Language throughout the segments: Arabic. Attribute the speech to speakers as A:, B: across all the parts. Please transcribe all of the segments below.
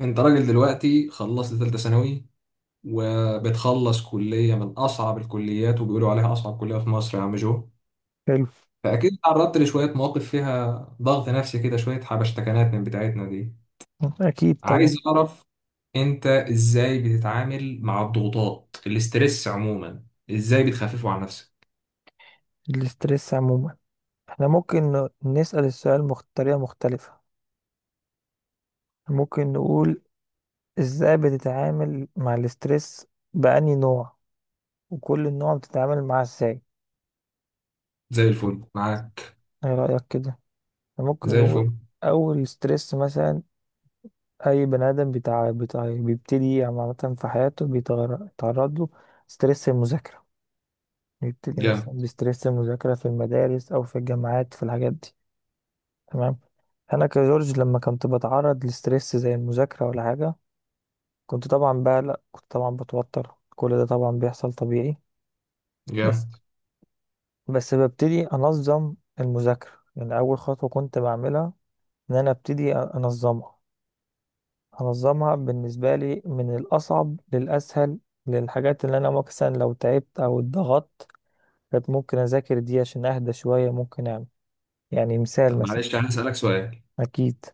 A: انت راجل دلوقتي خلصت ثالثة ثانوي، وبتخلص كلية من أصعب الكليات وبيقولوا عليها أصعب كلية في مصر يا عم جو.
B: حلو.
A: فأكيد تعرضت لشوية مواقف فيها ضغط نفسي كده، شوية حبشتكنات من بتاعتنا دي.
B: أكيد طبعا.
A: عايز أعرف أنت إزاي بتتعامل مع الضغوطات، الاسترس عموما، إزاي بتخففه عن نفسك؟
B: الاسترس عموما، احنا ممكن نسأل السؤال بطريقة مختلفة. ممكن نقول: ازاي بتتعامل مع الاسترس؟ بأني نوع، وكل نوع بتتعامل معاه ازاي؟
A: زي الفل معاك.
B: ايه رأيك كده؟ احنا ممكن
A: زي
B: نقول
A: الفل.
B: أول ستريس مثلا. أي بني آدم بتاع بتاع بيبتدي عامة في حياته بيتعرض له ستريس المذاكرة. بيبتدي
A: جامد.
B: مثلا بستريس المذاكرة في المدارس أو في الجامعات، في الحاجات دي. تمام. انا كجورج لما كنت بتعرض لستريس زي المذاكره ولا حاجه، كنت طبعا بقلق، كنت طبعا بتوتر، كل ده طبعا بيحصل طبيعي. بس
A: جامد.
B: بس ببتدي انظم المذاكره، يعني اول خطوه كنت بعملها ان انا ابتدي انظمها. انظمها بالنسبه لي من الاصعب للاسهل، للحاجات اللي انا مثلا لو تعبت او اتضغطت، كانت ممكن اذاكر دي عشان اهدى شويه. ممكن اعمل يعني مثال
A: طب
B: مثلا.
A: معلش أنا هسألك سؤال،
B: اكيد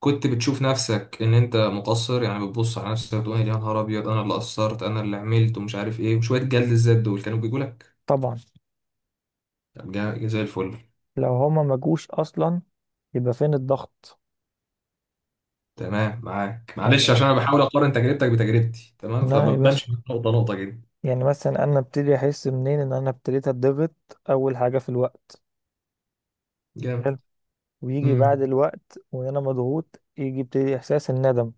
A: كنت بتشوف نفسك ان انت مقصر؟ يعني بتبص على نفسك تقول يا نهار ابيض انا اللي قصرت انا اللي عملت ومش عارف ايه، وشويه جلد الذات دول كانوا بيجوا لك؟
B: طبعا.
A: طب زي الفل.
B: لو هما ما جوش اصلا، يبقى فين الضغط؟
A: تمام معاك،
B: يعني
A: معلش
B: لا،
A: عشان انا بحاول اقارن تجربتك بتجربتي، تمام،
B: لا يا باشا.
A: فبمشي نقطه نقطه كده.
B: يعني مثلا انا ابتدي احس منين ان انا ابتديت اتضغط؟ اول حاجه في الوقت.
A: جامد.
B: حلو. ويجي بعد
A: امم.
B: الوقت وان انا مضغوط، يجي ابتدي احساس الندم.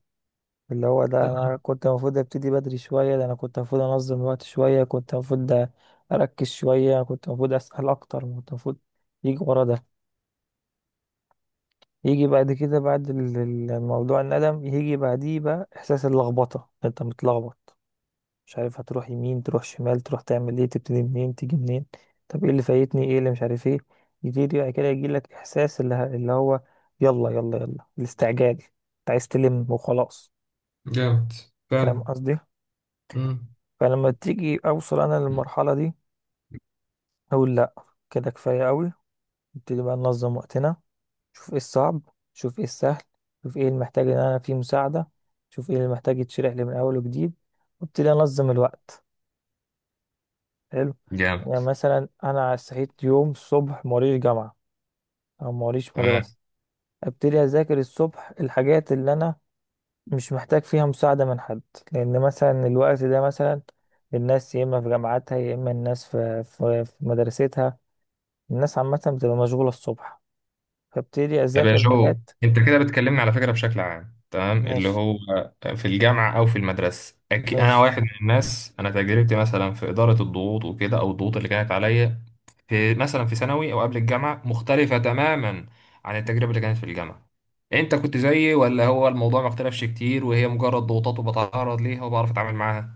B: اللي هو ده انا
A: تمام.
B: كنت المفروض ابتدي بدري شويه، ده انا كنت المفروض انظم الوقت شويه، كنت المفروض اركز شويه، كنت المفروض اسال اكتر، كنت المفروض. يجي ورا ده. يجي بعد كده، بعد الموضوع الندم، يجي بعديه بقى احساس اللخبطه. انت متلخبط، مش عارف هتروح يمين، تروح شمال، تروح تعمل ايه، تبتدي منين، تيجي منين؟ طب ايه اللي فايتني، ايه اللي مش عارف ايه. يجي بعد كده، يجي لك احساس اللي هو يلا يلا يلا، الاستعجال، انت عايز تلم وخلاص.
A: جامد.
B: فاهم
A: فعلا.
B: قصدي؟
A: امم.
B: فلما تيجي اوصل انا للمرحله دي، اقول لا، كده كفايه قوي. نبتدي بقى ننظم وقتنا. شوف ايه الصعب، شوف ايه السهل، شوف ايه اللي محتاج ان انا فيه مساعده، شوف ايه اللي محتاج يتشرح لي من اول وجديد، وابتدي انظم الوقت. حلو. يعني
A: جامد.
B: مثلا انا صحيت يوم الصبح موريش جامعه او موريش مدرسه، ابتدي اذاكر الصبح الحاجات اللي انا مش محتاج فيها مساعده من حد. لان مثلا الوقت ده مثلا الناس يا اما في جامعاتها يا اما الناس في مدرستها. الناس عامه بتبقى مشغوله الصبح، فابتدي
A: طب يا
B: اذاكر
A: جو،
B: حاجات.
A: انت كده بتكلمني على فكره بشكل عام، تمام، اللي
B: ماشي.
A: هو في الجامعه او في المدرسه. أكي، انا
B: ماشي.
A: واحد من الناس، انا تجربتي مثلا في اداره الضغوط وكده، او الضغوط اللي كانت عليا في مثلا في ثانوي او قبل الجامعه، مختلفه تماما عن التجربه اللي كانت في الجامعه. انت كنت زيي، ولا هو الموضوع ما اختلفش كتير وهي مجرد ضغوطات وبتعرض ليها وبعرف اتعامل معاها؟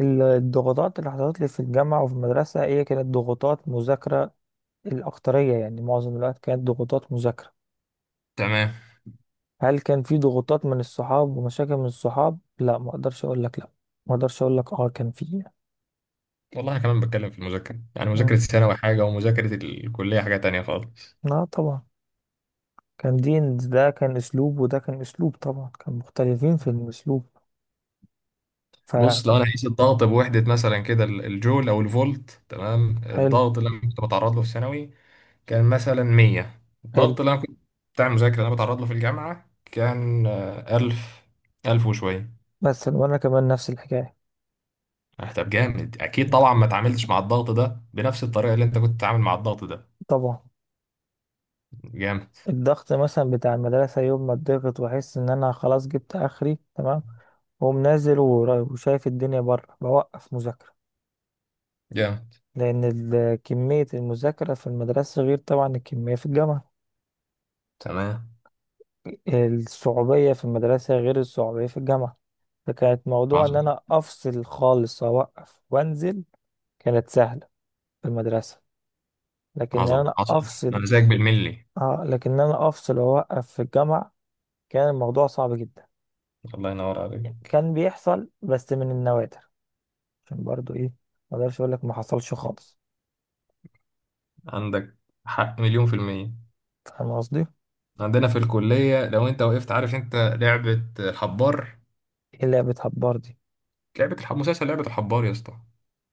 B: الضغوطات اللي حصلت لي في الجامعه وفي المدرسه هي كانت ضغوطات مذاكره. الاكتريه، يعني معظم الوقت كانت ضغوطات مذاكره.
A: تمام.
B: هل كان في ضغوطات من الصحاب ومشاكل من الصحاب؟ لا، ما اقدرش اقول لك لا، ما اقدرش اقول لك اه كان في.
A: والله انا كمان بتكلم في المذاكره، يعني مذاكره
B: مم.
A: الثانوي حاجه ومذاكره الكليه حاجه تانية خالص.
B: لا طبعا. كان دين، ده كان اسلوب وده كان اسلوب، طبعا كان مختلفين في الاسلوب.
A: بص، لو
B: فحلو.
A: انا قيس الضغط بوحده مثلا كده، ال- الجول او الفولت، تمام، الضغط اللي انا كنت بتعرض له في ثانوي كان مثلا 100.
B: حلو.
A: الضغط اللي انا كنت بتاع المذاكره اللي انا بتعرض له في الجامعه كان، 1000، 1000 وشويه.
B: مثلا وانا كمان نفس الحكايه.
A: طب جامد. اكيد
B: مم.
A: طبعا ما اتعاملتش مع الضغط ده بنفس الطريقه اللي انت كنت بتتعامل مع الضغط ده.
B: طبعا.
A: جامد.
B: الضغط مثلا بتاع المدرسه، يوم ما اتضغط واحس ان انا خلاص جبت اخري تمام، واقوم نازل وشايف الدنيا بره، بوقف مذاكره.
A: جامد.
B: لان كميه المذاكره في المدرسه غير طبعا الكميه في الجامعه.
A: تمام.
B: الصعوبية في المدرسة غير الصعوبية في الجامعة. فكانت موضوع إن
A: عظمه.
B: أنا أفصل خالص، أوقف وأنزل. كانت سهلة في المدرسة. لكن إن
A: عظمه
B: أنا
A: حصل،
B: أفصل.
A: انا زيك بالملي.
B: آه، لكن إن أنا أفصل وأوقف في الجامعة، كان الموضوع صعب جدا.
A: الله ينور
B: يعني
A: عليك.
B: كان بيحصل بس من النوادر. عشان برضو إيه؟ ما أقدرش أقول لك ما حصلش خالص.
A: عندك حق، مليون في المية.
B: فاهم قصدي؟
A: عندنا في الكلية لو انت وقفت، عارف انت لعبة الحبار؟
B: إيه لعبة هبار دي؟
A: لعبة الحب، مسلسل لعبة الحبار يا اسطى،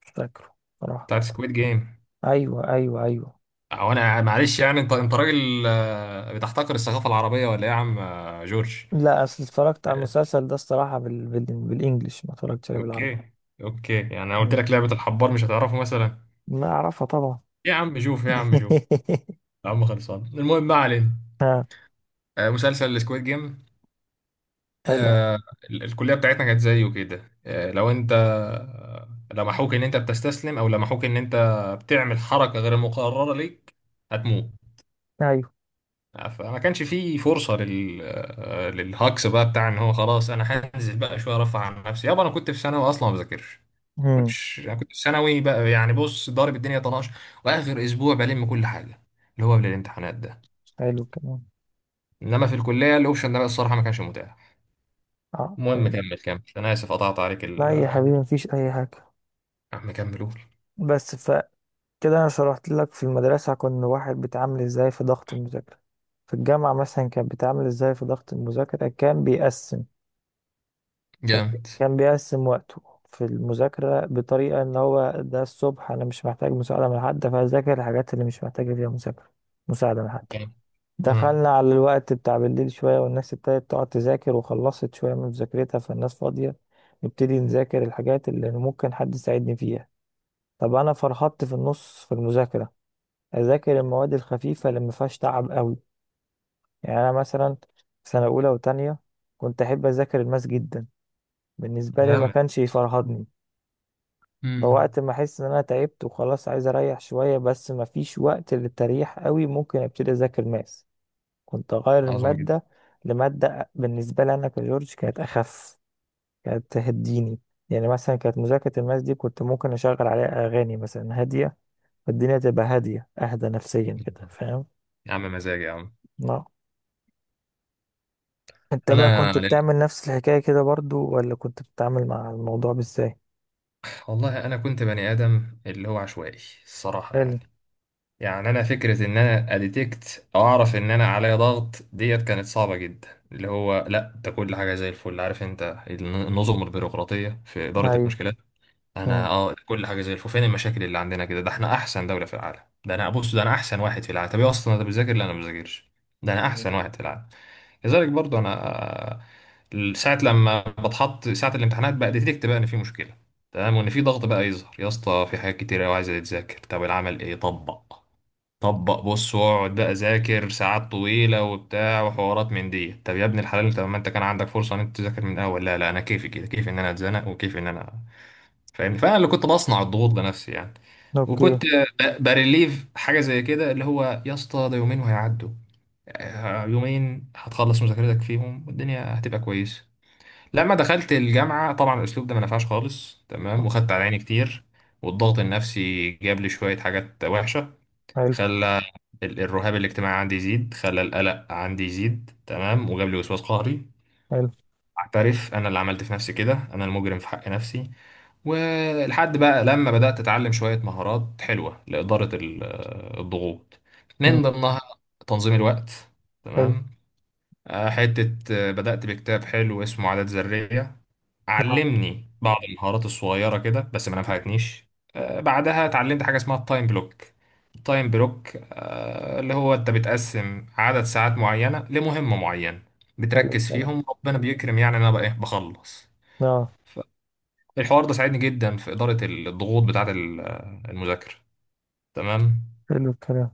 B: مش فاكره صراحة.
A: بتاعت سكويد جيم.
B: أيوه، أيوه، أيوه.
A: او انا معلش يعني، انت انت راجل بتحتقر الثقافة العربية ولا ايه يا عم جورج؟
B: لا، أصل اتفرجت على
A: آه،
B: المسلسل ده الصراحة بالإنجلش، ما اتفرجتش عليه بالعربي.
A: اوكي. اوكي، يعني انا قلت لك لعبة الحبار مش هتعرفه مثلا.
B: لا، أعرفها طبعا.
A: إيه يا عم شوف، إيه يا عم شوف، يا عم خلصان، المهم ما علينا.
B: ها.
A: مسلسل سكويد جيم،
B: حلو.
A: الكلية بتاعتنا كانت زيه كده. لو انت لمحوك ان انت بتستسلم، او لمحوك ان انت بتعمل حركة غير مقررة ليك، هتموت.
B: أيوه.
A: فما كانش فيه فرصة لل... للهاكس بقى، بتاع ان هو خلاص انا هنزل بقى شوية ارفع عن نفسي. يابا انا كنت في ثانوي اصلا ما بذاكرش.
B: مم.
A: كنتش، انا كنت في ثانوي بقى، يعني بص ضارب الدنيا طناش، واخر اسبوع بلم كل حاجة، اللي هو قبل الامتحانات ده.
B: حلو كمان.
A: انما في الكلية الاوبشن ده بقى الصراحة ما كانش متاح.
B: أه،
A: المهم
B: طيب.
A: كمل، كمل، انا اسف قطعت عليك ال.
B: لا يا حبيبي، مفيش أي حاجة.
A: يا عم كمل قول.
B: بس فكده. أنا شرحت لك في المدرسة كنا واحد بيتعامل إزاي في ضغط المذاكرة. في الجامعة مثلا كان بيتعامل إزاي في ضغط المذاكرة؟ كان بيقسم. كان
A: جامد.
B: كان بيقسم وقته في المذاكرة بطريقة إن هو، ده الصبح أنا مش محتاج مساعدة من حد، فأذاكر الحاجات اللي مش محتاجة فيها مذاكرة. مساعدة من حد.
A: جامد. مم.
B: دخلنا على الوقت بتاع بالليل شوية، والناس ابتدت تقعد تذاكر وخلصت شوية من مذاكرتها، فالناس فاضية. نبتدي نذاكر الحاجات اللي ممكن حد يساعدني فيها. طب أنا فرحت في النص في المذاكرة. أذاكر المواد الخفيفة اللي ما فيهاش تعب قوي. يعني أنا مثلا سنة أولى وتانية كنت أحب أذاكر الماس جدا. بالنسبة لي ما
A: جامد.
B: كانش يفرهدني.
A: مم.
B: فوقت ما أحس إن أنا تعبت وخلاص عايز أريح شوية، بس ما فيش وقت للتريح قوي، ممكن أبتدي أذاكر ماس. كنت أغير
A: عظمة جدا.
B: المادة لمادة بالنسبة لي أنا كجورج كانت أخف، كانت تهديني. يعني مثلا كانت مذاكرة الماس دي كنت ممكن أشغل عليها أغاني مثلا هادية. فالدنيا تبقى هادية، أهدى نفسيا كده، فاهم؟
A: يا عم مزاج يا عم.
B: لا. أنت بقى
A: انا
B: كنت بتعمل نفس الحكاية كده برضو، ولا كنت بتتعامل مع الموضوع بإزاي؟
A: والله انا كنت بني ادم اللي هو عشوائي الصراحه،
B: حلو.
A: يعني. يعني انا فكره ان انا اديتكت او اعرف ان انا عليا ضغط ديت كانت صعبه جدا، اللي هو لا ده كل حاجه زي الفل. عارف انت النظم البيروقراطيه في اداره
B: أيوه.
A: المشكلات؟ انا
B: مم.
A: اه كل حاجه زي الفل. فين المشاكل اللي عندنا كده؟ ده احنا احسن دوله في العالم. ده انا بص، ده انا احسن واحد في العالم. طب ايه اصلا انت بتذاكر؟ لا انا ما بذاكرش. ده انا
B: مم.
A: احسن واحد في العالم. كذلك برضو انا. ساعه لما بتحط، ساعه الامتحانات بقى، ديتكت بقى ان في مشكله، تمام، وان في ضغط بقى يظهر. يا اسطى في حاجات كتير قوي عايزه تتذاكر، طب العمل ايه؟ طبق، طبق، بص واقعد بقى ذاكر ساعات طويله وبتاع وحوارات من دي. طب يا ابن الحلال انت، ما انت كان عندك فرصه ان انت تذاكر من الاول! لا لا انا كيفي كده، كيفي ان انا اتزنق وكيفي ان انا، فاهم؟ فانا اللي كنت بصنع الضغوط بنفسي يعني.
B: أوكي.
A: وكنت بريليف حاجه زي كده، اللي هو يا اسطى ده يومين وهيعدوا. يومين هتخلص مذاكرتك فيهم والدنيا هتبقى كويسه. لما دخلت الجامعه طبعا الاسلوب ده ما نفعش خالص، تمام، وخدت على عيني كتير، والضغط النفسي جاب لي شويه حاجات وحشه.
B: حلو.
A: خلى ال- الرهاب الاجتماعي عندي يزيد، خلى القلق عندي يزيد، تمام، وجاب لي وسواس قهري.
B: حلو.
A: اعترف، انا اللي عملت في نفسي كده، انا المجرم في حق نفسي. ولحد بقى لما بدأت أتعلم شوية مهارات حلوة لإدارة ال- الضغوط،
B: مم.
A: من ضمنها تنظيم الوقت،
B: حلو.
A: تمام. حتة بدأت بكتاب حلو اسمه عادات ذرية،
B: نعم.
A: علمني بعض المهارات الصغيرة كده بس ما نفعتنيش. بعدها اتعلمت حاجة اسمها التايم بلوك. التايم بلوك اللي هو أنت بتقسم عدد ساعات معينة لمهمة معينة،
B: حلو
A: بتركز
B: الكلام.
A: فيهم ربنا بيكرم، يعني أنا بقى إيه بخلص.
B: نعم.
A: الحوار ده ساعدني جدا في إدارة الضغوط بتاعة ال- المذاكرة، تمام.
B: حلو الكلام.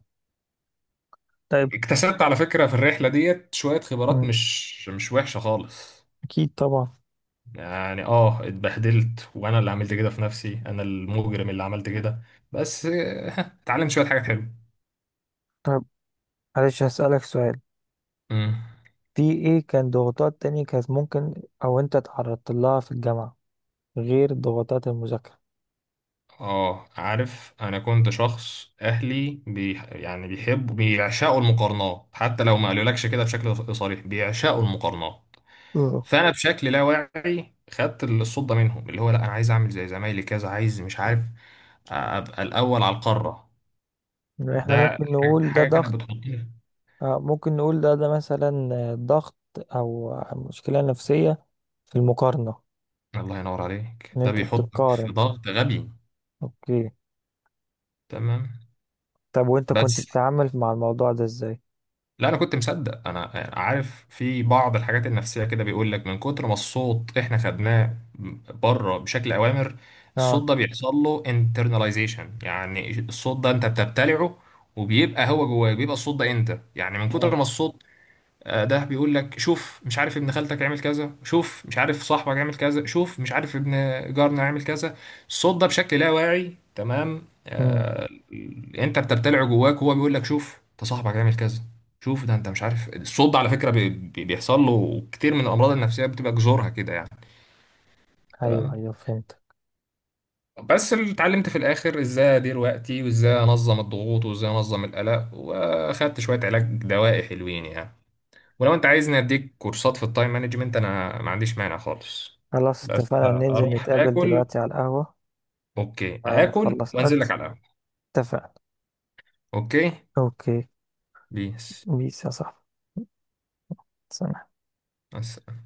B: طيب.
A: اكتسبت على فكرة في الرحلة ديت شوية خبرات
B: مم.
A: مش وحشة خالص.
B: أكيد طبعا.
A: يعني اه اتبهدلت، وانا اللي عملت كده في نفسي، انا المجرم اللي عملت كده. بس اتعلمت شوية حاجات حلوة.
B: طيب، معلش هسألك سؤال.
A: مم.
B: في ايه كان ضغوطات تانية كانت ممكن، او انت تعرضت لها في الجامعة غير ضغوطات المذاكرة؟
A: اه عارف، انا كنت شخص اهلي بي يعني بيحبوا بيعشقوا المقارنات، حتى لو ما قالولكش كده بشكل صريح بيعشقوا المقارنات.
B: اه.
A: فانا بشكل لا واعي خدت الصوت ده منهم، اللي هو لا انا عايز اعمل زي زمايلي كذا، عايز مش عارف ابقى الاول على القاره.
B: يعني احنا
A: ده
B: ممكن نقول ده
A: حاجه كانت
B: ضغط؟
A: بتحطني.
B: آه، ممكن نقول ده مثلا ضغط او مشكلة نفسية في المقارنة.
A: الله ينور عليك،
B: ان
A: ده
B: انت
A: بيحطك في
B: بتتقارن.
A: ضغط غبي،
B: اوكي.
A: تمام.
B: طب، وانت كنت
A: بس
B: بتتعامل مع الموضوع ده ازاي؟
A: لا انا كنت مصدق، انا عارف في بعض الحاجات النفسيه كده بيقول لك من كتر ما الصوت احنا خدناه بره بشكل اوامر،
B: اه،
A: الصوت ده بيحصل له internalization. يعني الصوت ده انت بتبتلعه، وبيبقى هو جواك، بيبقى الصوت ده انت، يعني من كتر
B: اه.
A: ما الصوت ده بيقول لك شوف مش عارف ابن خالتك عمل كذا، شوف مش عارف صاحبك عمل كذا، شوف مش عارف ابن جارنا عمل كذا، الصوت ده بشكل لا واعي، تمام،
B: امم.
A: آه انت بترتلعه جواك، وهو بيقول لك شوف ده صاحبك عمل كذا، شوف ده انت مش عارف. الصوت ده على فكرة بيحصل له كتير من الامراض النفسية بتبقى جذورها كده يعني،
B: ايوه،
A: تمام.
B: ايوه، فهمت.
A: بس اللي اتعلمت في الاخر ازاي ادير وقتي وازاي انظم الضغوط وازاي انظم القلق، واخدت شوية علاج دوائي حلوين يعني. ولو انت عايزني اديك كورسات في التايم مانجمنت، انا ما عنديش مانع خالص.
B: خلاص،
A: بس
B: اتفقنا ننزل
A: اروح
B: نتقابل
A: اكل.
B: دلوقتي على القهوة.
A: اوكي،
B: بعد ما
A: اكل
B: تخلص
A: وانزل
B: اكل.
A: لك على القهوة.
B: اتفقنا.
A: اوكي.
B: اوكي.
A: بيس.
B: بيس يا صاحبي. سلام.
A: مع